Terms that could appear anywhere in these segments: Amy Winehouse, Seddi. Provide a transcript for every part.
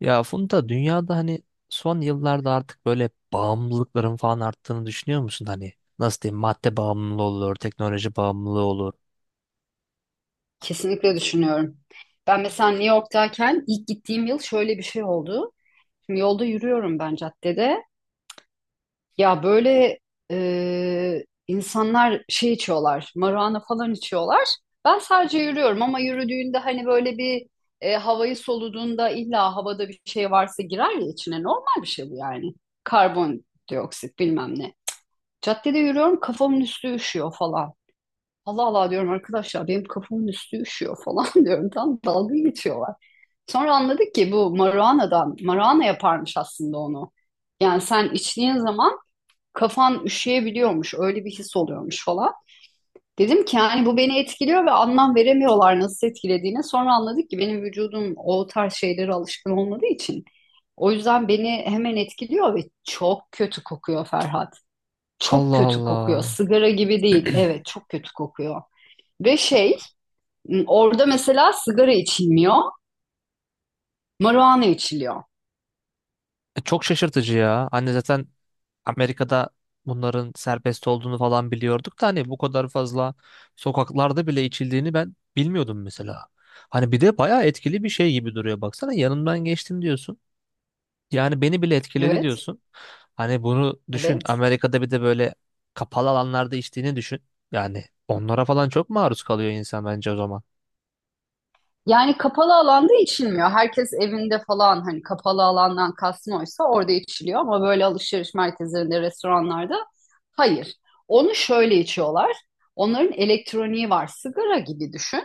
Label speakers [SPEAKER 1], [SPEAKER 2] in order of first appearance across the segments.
[SPEAKER 1] Ya Funda, dünyada hani son yıllarda artık böyle bağımlılıkların falan arttığını düşünüyor musun? Hani nasıl diyeyim, madde bağımlılığı olur, teknoloji bağımlılığı olur.
[SPEAKER 2] Kesinlikle düşünüyorum. Ben mesela New York'tayken ilk gittiğim yıl şöyle bir şey oldu. Şimdi yolda yürüyorum ben caddede. Ya böyle insanlar şey içiyorlar, marijuana falan içiyorlar. Ben sadece yürüyorum ama yürüdüğünde hani böyle bir havayı soluduğunda illa havada bir şey varsa girer ya içine. Normal bir şey bu yani. Karbondioksit bilmem ne. Caddede yürüyorum kafamın üstü üşüyor falan. Allah Allah diyorum arkadaşlar benim kafamın üstü üşüyor falan diyorum. Tam dalga geçiyorlar. Sonra anladık ki bu maruanadan, maruana yaparmış aslında onu. Yani sen içtiğin zaman kafan üşüyebiliyormuş. Öyle bir his oluyormuş falan. Dedim ki yani bu beni etkiliyor ve anlam veremiyorlar nasıl etkilediğini. Sonra anladık ki benim vücudum o tarz şeylere alışkın olmadığı için. O yüzden beni hemen etkiliyor ve çok kötü kokuyor, Ferhat. Çok
[SPEAKER 1] Allah
[SPEAKER 2] kötü kokuyor.
[SPEAKER 1] Allah.
[SPEAKER 2] Sigara gibi değil. Evet, çok kötü kokuyor. Ve şey, orada mesela sigara içilmiyor, marijuana içiliyor.
[SPEAKER 1] Çok şaşırtıcı ya. Hani zaten Amerika'da bunların serbest olduğunu falan biliyorduk da hani bu kadar fazla sokaklarda bile içildiğini ben bilmiyordum mesela. Hani bir de bayağı etkili bir şey gibi duruyor. Baksana, yanından geçtim diyorsun. Yani beni bile etkiledi
[SPEAKER 2] Evet,
[SPEAKER 1] diyorsun. Hani bunu düşün,
[SPEAKER 2] evet.
[SPEAKER 1] Amerika'da bir de böyle kapalı alanlarda içtiğini düşün. Yani onlara falan çok maruz kalıyor insan bence o zaman.
[SPEAKER 2] Yani kapalı alanda içilmiyor. Herkes evinde falan, hani kapalı alandan kastım oysa orada içiliyor ama böyle alışveriş merkezlerinde, restoranlarda hayır. Onu şöyle içiyorlar. Onların elektroniği var. Sigara gibi düşün.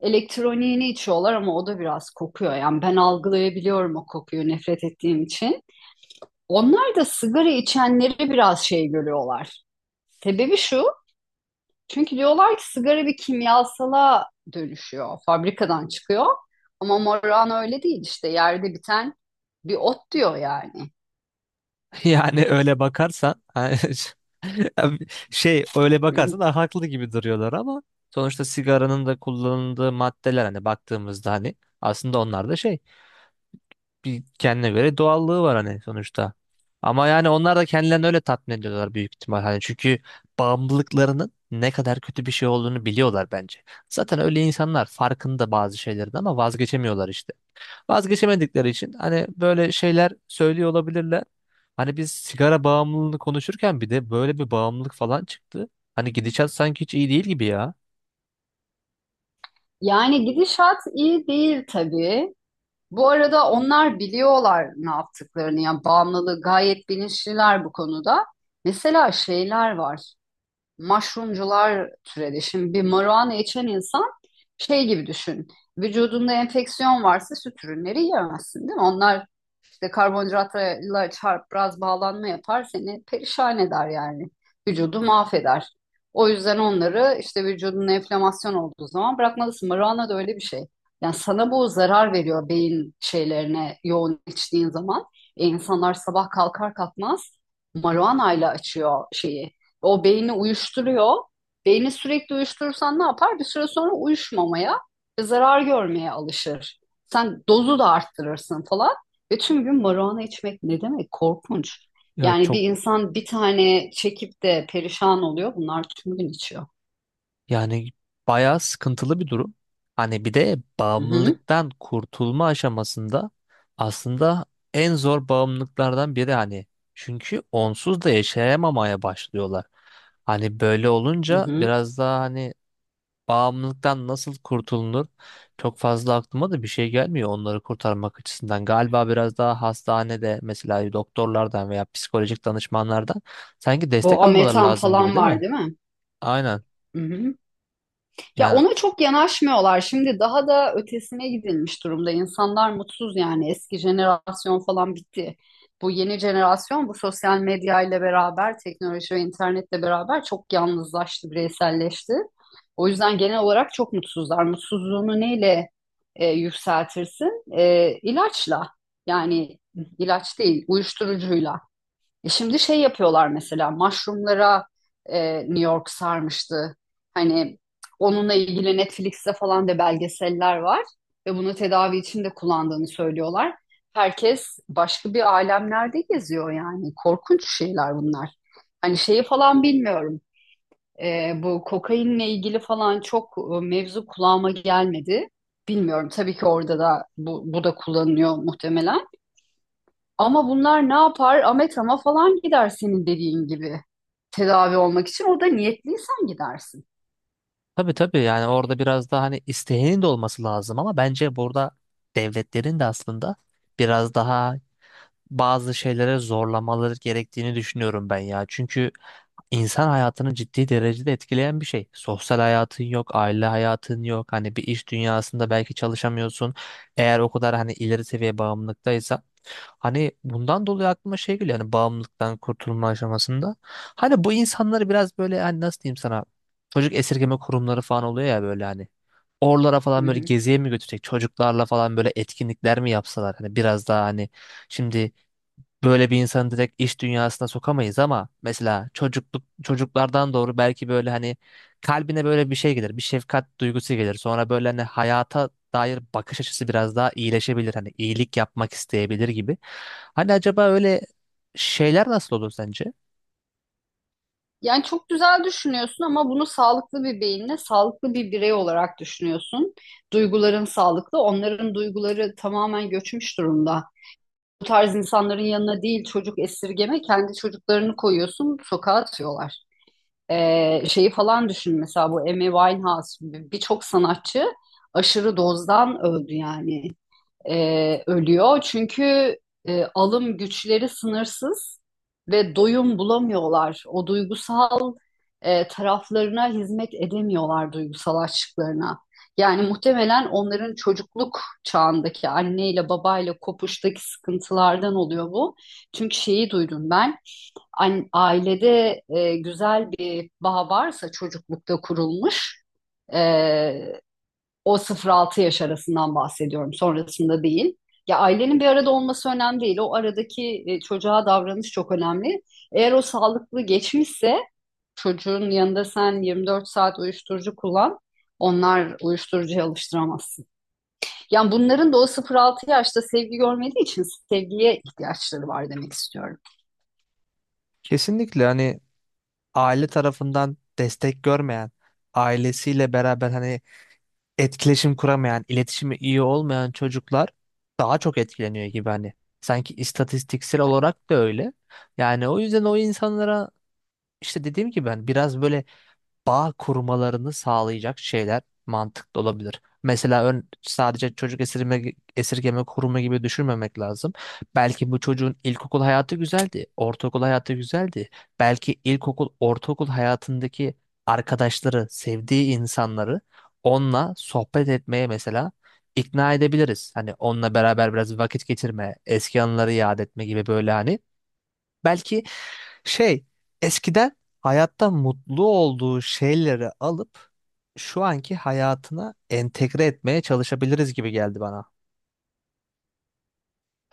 [SPEAKER 2] Elektroniğini içiyorlar ama o da biraz kokuyor. Yani ben algılayabiliyorum o kokuyu, nefret ettiğim için. Onlar da sigara içenleri biraz şey görüyorlar. Sebebi şu, çünkü diyorlar ki sigara bir kimyasala dönüşüyor, fabrikadan çıkıyor. Ama Moran öyle değil, işte yerde biten bir ot diyor yani.
[SPEAKER 1] Yani öyle bakarsan hani öyle bakarsan da haklı gibi duruyorlar, ama sonuçta sigaranın da kullanıldığı maddeler, hani baktığımızda hani aslında onlar da bir kendine göre doğallığı var hani sonuçta. Ama yani onlar da kendilerini öyle tatmin ediyorlar büyük ihtimal. Hani çünkü bağımlılıklarının ne kadar kötü bir şey olduğunu biliyorlar bence. Zaten öyle insanlar farkında bazı şeylerin, ama vazgeçemiyorlar işte. Vazgeçemedikleri için hani böyle şeyler söylüyor olabilirler. Hani biz sigara bağımlılığını konuşurken bir de böyle bir bağımlılık falan çıktı. Hani gidişat sanki hiç iyi değil gibi ya.
[SPEAKER 2] Yani gidişat iyi değil tabii. Bu arada onlar biliyorlar ne yaptıklarını ya, bağımlılığı gayet bilinçliler bu konuda. Mesela şeyler var. Mushroomcular türedi. Şimdi bir marijuana içen insan şey gibi düşün. Vücudunda enfeksiyon varsa süt ürünleri yiyemezsin değil mi? Onlar İşte karbonhidratla çarp, biraz bağlanma yapar, seni perişan eder yani. Vücudu mahveder. O yüzden onları işte vücudun enflamasyon olduğu zaman bırakmalısın. Marana da öyle bir şey. Yani sana bu zarar veriyor, beyin şeylerine yoğun içtiğin zaman. İnsanlar sabah kalkar kalkmaz marihuanayla açıyor şeyi. O beyni uyuşturuyor. Beyni sürekli uyuşturursan ne yapar? Bir süre sonra uyuşmamaya, zarar görmeye alışır. Sen dozu da arttırırsın falan. Ve tüm gün marijuana içmek ne demek? Korkunç.
[SPEAKER 1] Ya
[SPEAKER 2] Yani bir
[SPEAKER 1] çok
[SPEAKER 2] insan bir tane çekip de perişan oluyor. Bunlar tüm gün içiyor.
[SPEAKER 1] Yani bayağı sıkıntılı bir durum. Hani bir de
[SPEAKER 2] Hı hı,
[SPEAKER 1] bağımlılıktan kurtulma aşamasında aslında en zor bağımlılıklardan biri hani. Çünkü onsuz da yaşayamamaya başlıyorlar. Hani böyle
[SPEAKER 2] hı
[SPEAKER 1] olunca
[SPEAKER 2] hı.
[SPEAKER 1] biraz daha hani bağımlılıktan nasıl kurtulunur çok fazla aklıma da bir şey gelmiyor, onları kurtarmak açısından. Galiba biraz daha hastanede mesela doktorlardan veya psikolojik danışmanlardan sanki destek
[SPEAKER 2] Bu
[SPEAKER 1] almaları
[SPEAKER 2] ametan
[SPEAKER 1] lazım gibi,
[SPEAKER 2] falan
[SPEAKER 1] değil
[SPEAKER 2] var
[SPEAKER 1] mi?
[SPEAKER 2] değil mi?
[SPEAKER 1] Aynen.
[SPEAKER 2] Ya
[SPEAKER 1] Yani
[SPEAKER 2] ona çok yanaşmıyorlar. Şimdi daha da ötesine gidilmiş durumda. İnsanlar mutsuz yani. Eski jenerasyon falan bitti. Bu yeni jenerasyon bu sosyal medya ile beraber, teknoloji ve internetle beraber çok yalnızlaştı, bireyselleşti. O yüzden genel olarak çok mutsuzlar. Mutsuzluğunu neyle yükseltirsin? E, ilaçla. Yani ilaç değil, uyuşturucuyla. E şimdi şey yapıyorlar, mesela mushroomlara, New York sarmıştı. Hani onunla ilgili Netflix'te falan da belgeseller var ve bunu tedavi için de kullandığını söylüyorlar. Herkes başka bir alemlerde geziyor yani. Korkunç şeyler bunlar. Hani şeyi falan bilmiyorum. Bu kokainle ilgili falan çok mevzu kulağıma gelmedi. Bilmiyorum tabii ki, orada da bu da kullanılıyor muhtemelen. Ama bunlar ne yapar? Ametrama falan gider senin dediğin gibi tedavi olmak için. O da niyetliysen gidersin.
[SPEAKER 1] Tabii tabii, yani orada biraz daha hani isteğinin de olması lazım, ama bence burada devletlerin de aslında biraz daha bazı şeylere zorlamaları gerektiğini düşünüyorum ben ya. Çünkü insan hayatını ciddi derecede etkileyen bir şey. Sosyal hayatın yok, aile hayatın yok. Hani bir iş dünyasında belki çalışamıyorsun. Eğer o kadar hani ileri seviye bağımlılıktaysa. Hani bundan dolayı aklıma şey geliyor, hani bağımlılıktan kurtulma aşamasında. Hani bu insanları biraz böyle hani nasıl diyeyim sana, çocuk esirgeme kurumları falan oluyor ya böyle hani. Oralara
[SPEAKER 2] Hı
[SPEAKER 1] falan böyle
[SPEAKER 2] hı.
[SPEAKER 1] geziye mi götürecek, çocuklarla falan böyle etkinlikler mi yapsalar, hani biraz daha hani şimdi böyle bir insanı direkt iş dünyasına sokamayız, ama mesela çocukluk çocuklardan doğru belki böyle hani kalbine böyle bir şey gelir, bir şefkat duygusu gelir. Sonra böyle hani hayata dair bakış açısı biraz daha iyileşebilir. Hani iyilik yapmak isteyebilir gibi. Hani acaba öyle şeyler nasıl olur sence?
[SPEAKER 2] Yani çok güzel düşünüyorsun ama bunu sağlıklı bir beyinle, sağlıklı bir birey olarak düşünüyorsun. Duyguların sağlıklı, onların duyguları tamamen göçmüş durumda. Bu tarz insanların yanına değil çocuk esirgeme, kendi çocuklarını koyuyorsun, sokağa atıyorlar. Şeyi falan düşün mesela, bu Amy Winehouse gibi birçok sanatçı aşırı dozdan öldü yani, ölüyor. Çünkü alım güçleri sınırsız ve doyum bulamıyorlar. O duygusal taraflarına hizmet edemiyorlar, duygusal açlıklarına. Yani muhtemelen onların çocukluk çağındaki anneyle babayla kopuştaki sıkıntılardan oluyor bu. Çünkü şeyi duydum ben, ailede güzel bir bağ varsa çocuklukta kurulmuş, e, o 0-6 yaş arasından bahsediyorum, sonrasında değil. Ya ailenin bir arada olması önemli değil. O aradaki çocuğa davranış çok önemli. Eğer o sağlıklı geçmişse çocuğun yanında sen 24 saat uyuşturucu kullan, onlar uyuşturucuya alıştıramazsın. Yani bunların da o 0-6 yaşta sevgi görmediği için sevgiye ihtiyaçları var demek istiyorum.
[SPEAKER 1] Kesinlikle hani aile tarafından destek görmeyen, ailesiyle beraber hani etkileşim kuramayan, iletişimi iyi olmayan çocuklar daha çok etkileniyor gibi hani. Sanki istatistiksel olarak da öyle. Yani o yüzden o insanlara işte dediğim gibi ben biraz böyle bağ kurmalarını sağlayacak şeyler mantıklı olabilir. Mesela sadece çocuk esirgeme kurumu gibi düşünmemek lazım. Belki bu çocuğun ilkokul hayatı güzeldi, ortaokul hayatı güzeldi. Belki ilkokul, ortaokul hayatındaki arkadaşları, sevdiği insanları onunla sohbet etmeye mesela ikna edebiliriz. Hani onunla beraber biraz vakit geçirme, eski anıları yad etme gibi böyle hani. Belki şey eskiden hayatta mutlu olduğu şeyleri alıp şu anki hayatına entegre etmeye çalışabiliriz gibi geldi bana.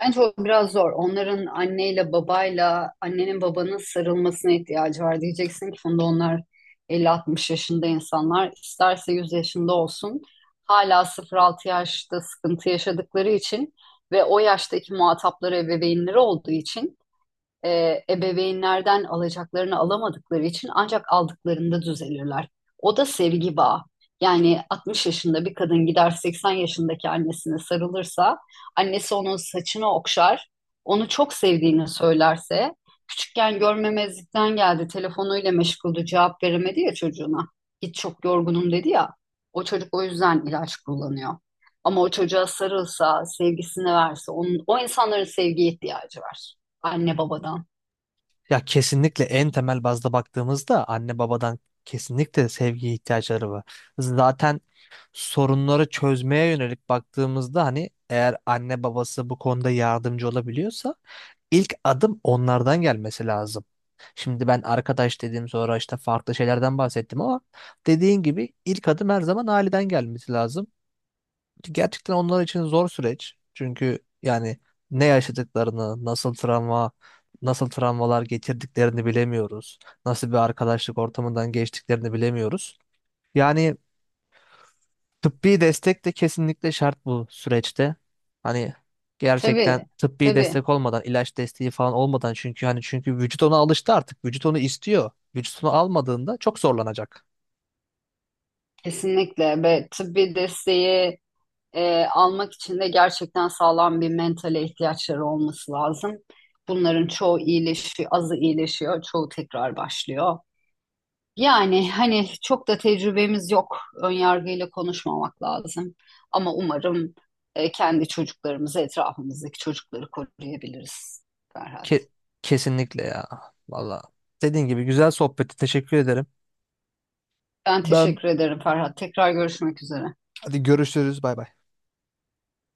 [SPEAKER 2] Bence o biraz zor. Onların anneyle babayla, annenin babanın sarılmasına ihtiyacı var. Diyeceksin ki Funda, onlar 50, 60 yaşında insanlar. İsterse 100 yaşında olsun. Hala 0-6 yaşta sıkıntı yaşadıkları için ve o yaştaki muhatapları ebeveynleri olduğu için ebeveynlerden alacaklarını alamadıkları için ancak aldıklarında düzelirler. O da sevgi bağı. Yani 60 yaşında bir kadın gider 80 yaşındaki annesine sarılırsa, annesi onun saçını okşar, onu çok sevdiğini söylerse, küçükken görmemezlikten geldi, telefonuyla meşguldü, cevap veremedi ya çocuğuna. Git çok yorgunum dedi ya, o çocuk o yüzden ilaç kullanıyor. Ama o çocuğa sarılsa, sevgisini verse, onun, o insanların sevgiye ihtiyacı var. Anne babadan.
[SPEAKER 1] Ya kesinlikle en temel bazda baktığımızda anne babadan kesinlikle sevgi ihtiyaçları var. Zaten sorunları çözmeye yönelik baktığımızda hani eğer anne babası bu konuda yardımcı olabiliyorsa ilk adım onlardan gelmesi lazım. Şimdi ben arkadaş dediğim sonra işte farklı şeylerden bahsettim, ama dediğin gibi ilk adım her zaman aileden gelmesi lazım. Gerçekten onlar için zor süreç. Çünkü yani ne yaşadıklarını, nasıl travmalar getirdiklerini bilemiyoruz. Nasıl bir arkadaşlık ortamından geçtiklerini bilemiyoruz. Yani Tıbbi destek de kesinlikle şart bu süreçte. Hani gerçekten
[SPEAKER 2] Tabii,
[SPEAKER 1] tıbbi
[SPEAKER 2] tabii.
[SPEAKER 1] destek olmadan, ilaç desteği falan olmadan, çünkü vücut ona alıştı artık. Vücut onu istiyor. Vücut onu almadığında çok zorlanacak.
[SPEAKER 2] Kesinlikle ve tıbbi desteği almak için de gerçekten sağlam bir mentale ihtiyaçları olması lazım. Bunların çoğu iyileşiyor, azı iyileşiyor, çoğu tekrar başlıyor. Yani hani çok da tecrübemiz yok. Önyargıyla konuşmamak lazım. Ama umarım kendi çocuklarımızı, etrafımızdaki çocukları koruyabiliriz Ferhat.
[SPEAKER 1] Ke- kesinlikle ya. Valla. Dediğin gibi, güzel sohbeti teşekkür ederim.
[SPEAKER 2] Ben
[SPEAKER 1] Ben
[SPEAKER 2] teşekkür ederim Ferhat. Tekrar görüşmek üzere.
[SPEAKER 1] Hadi görüşürüz. Bay bay.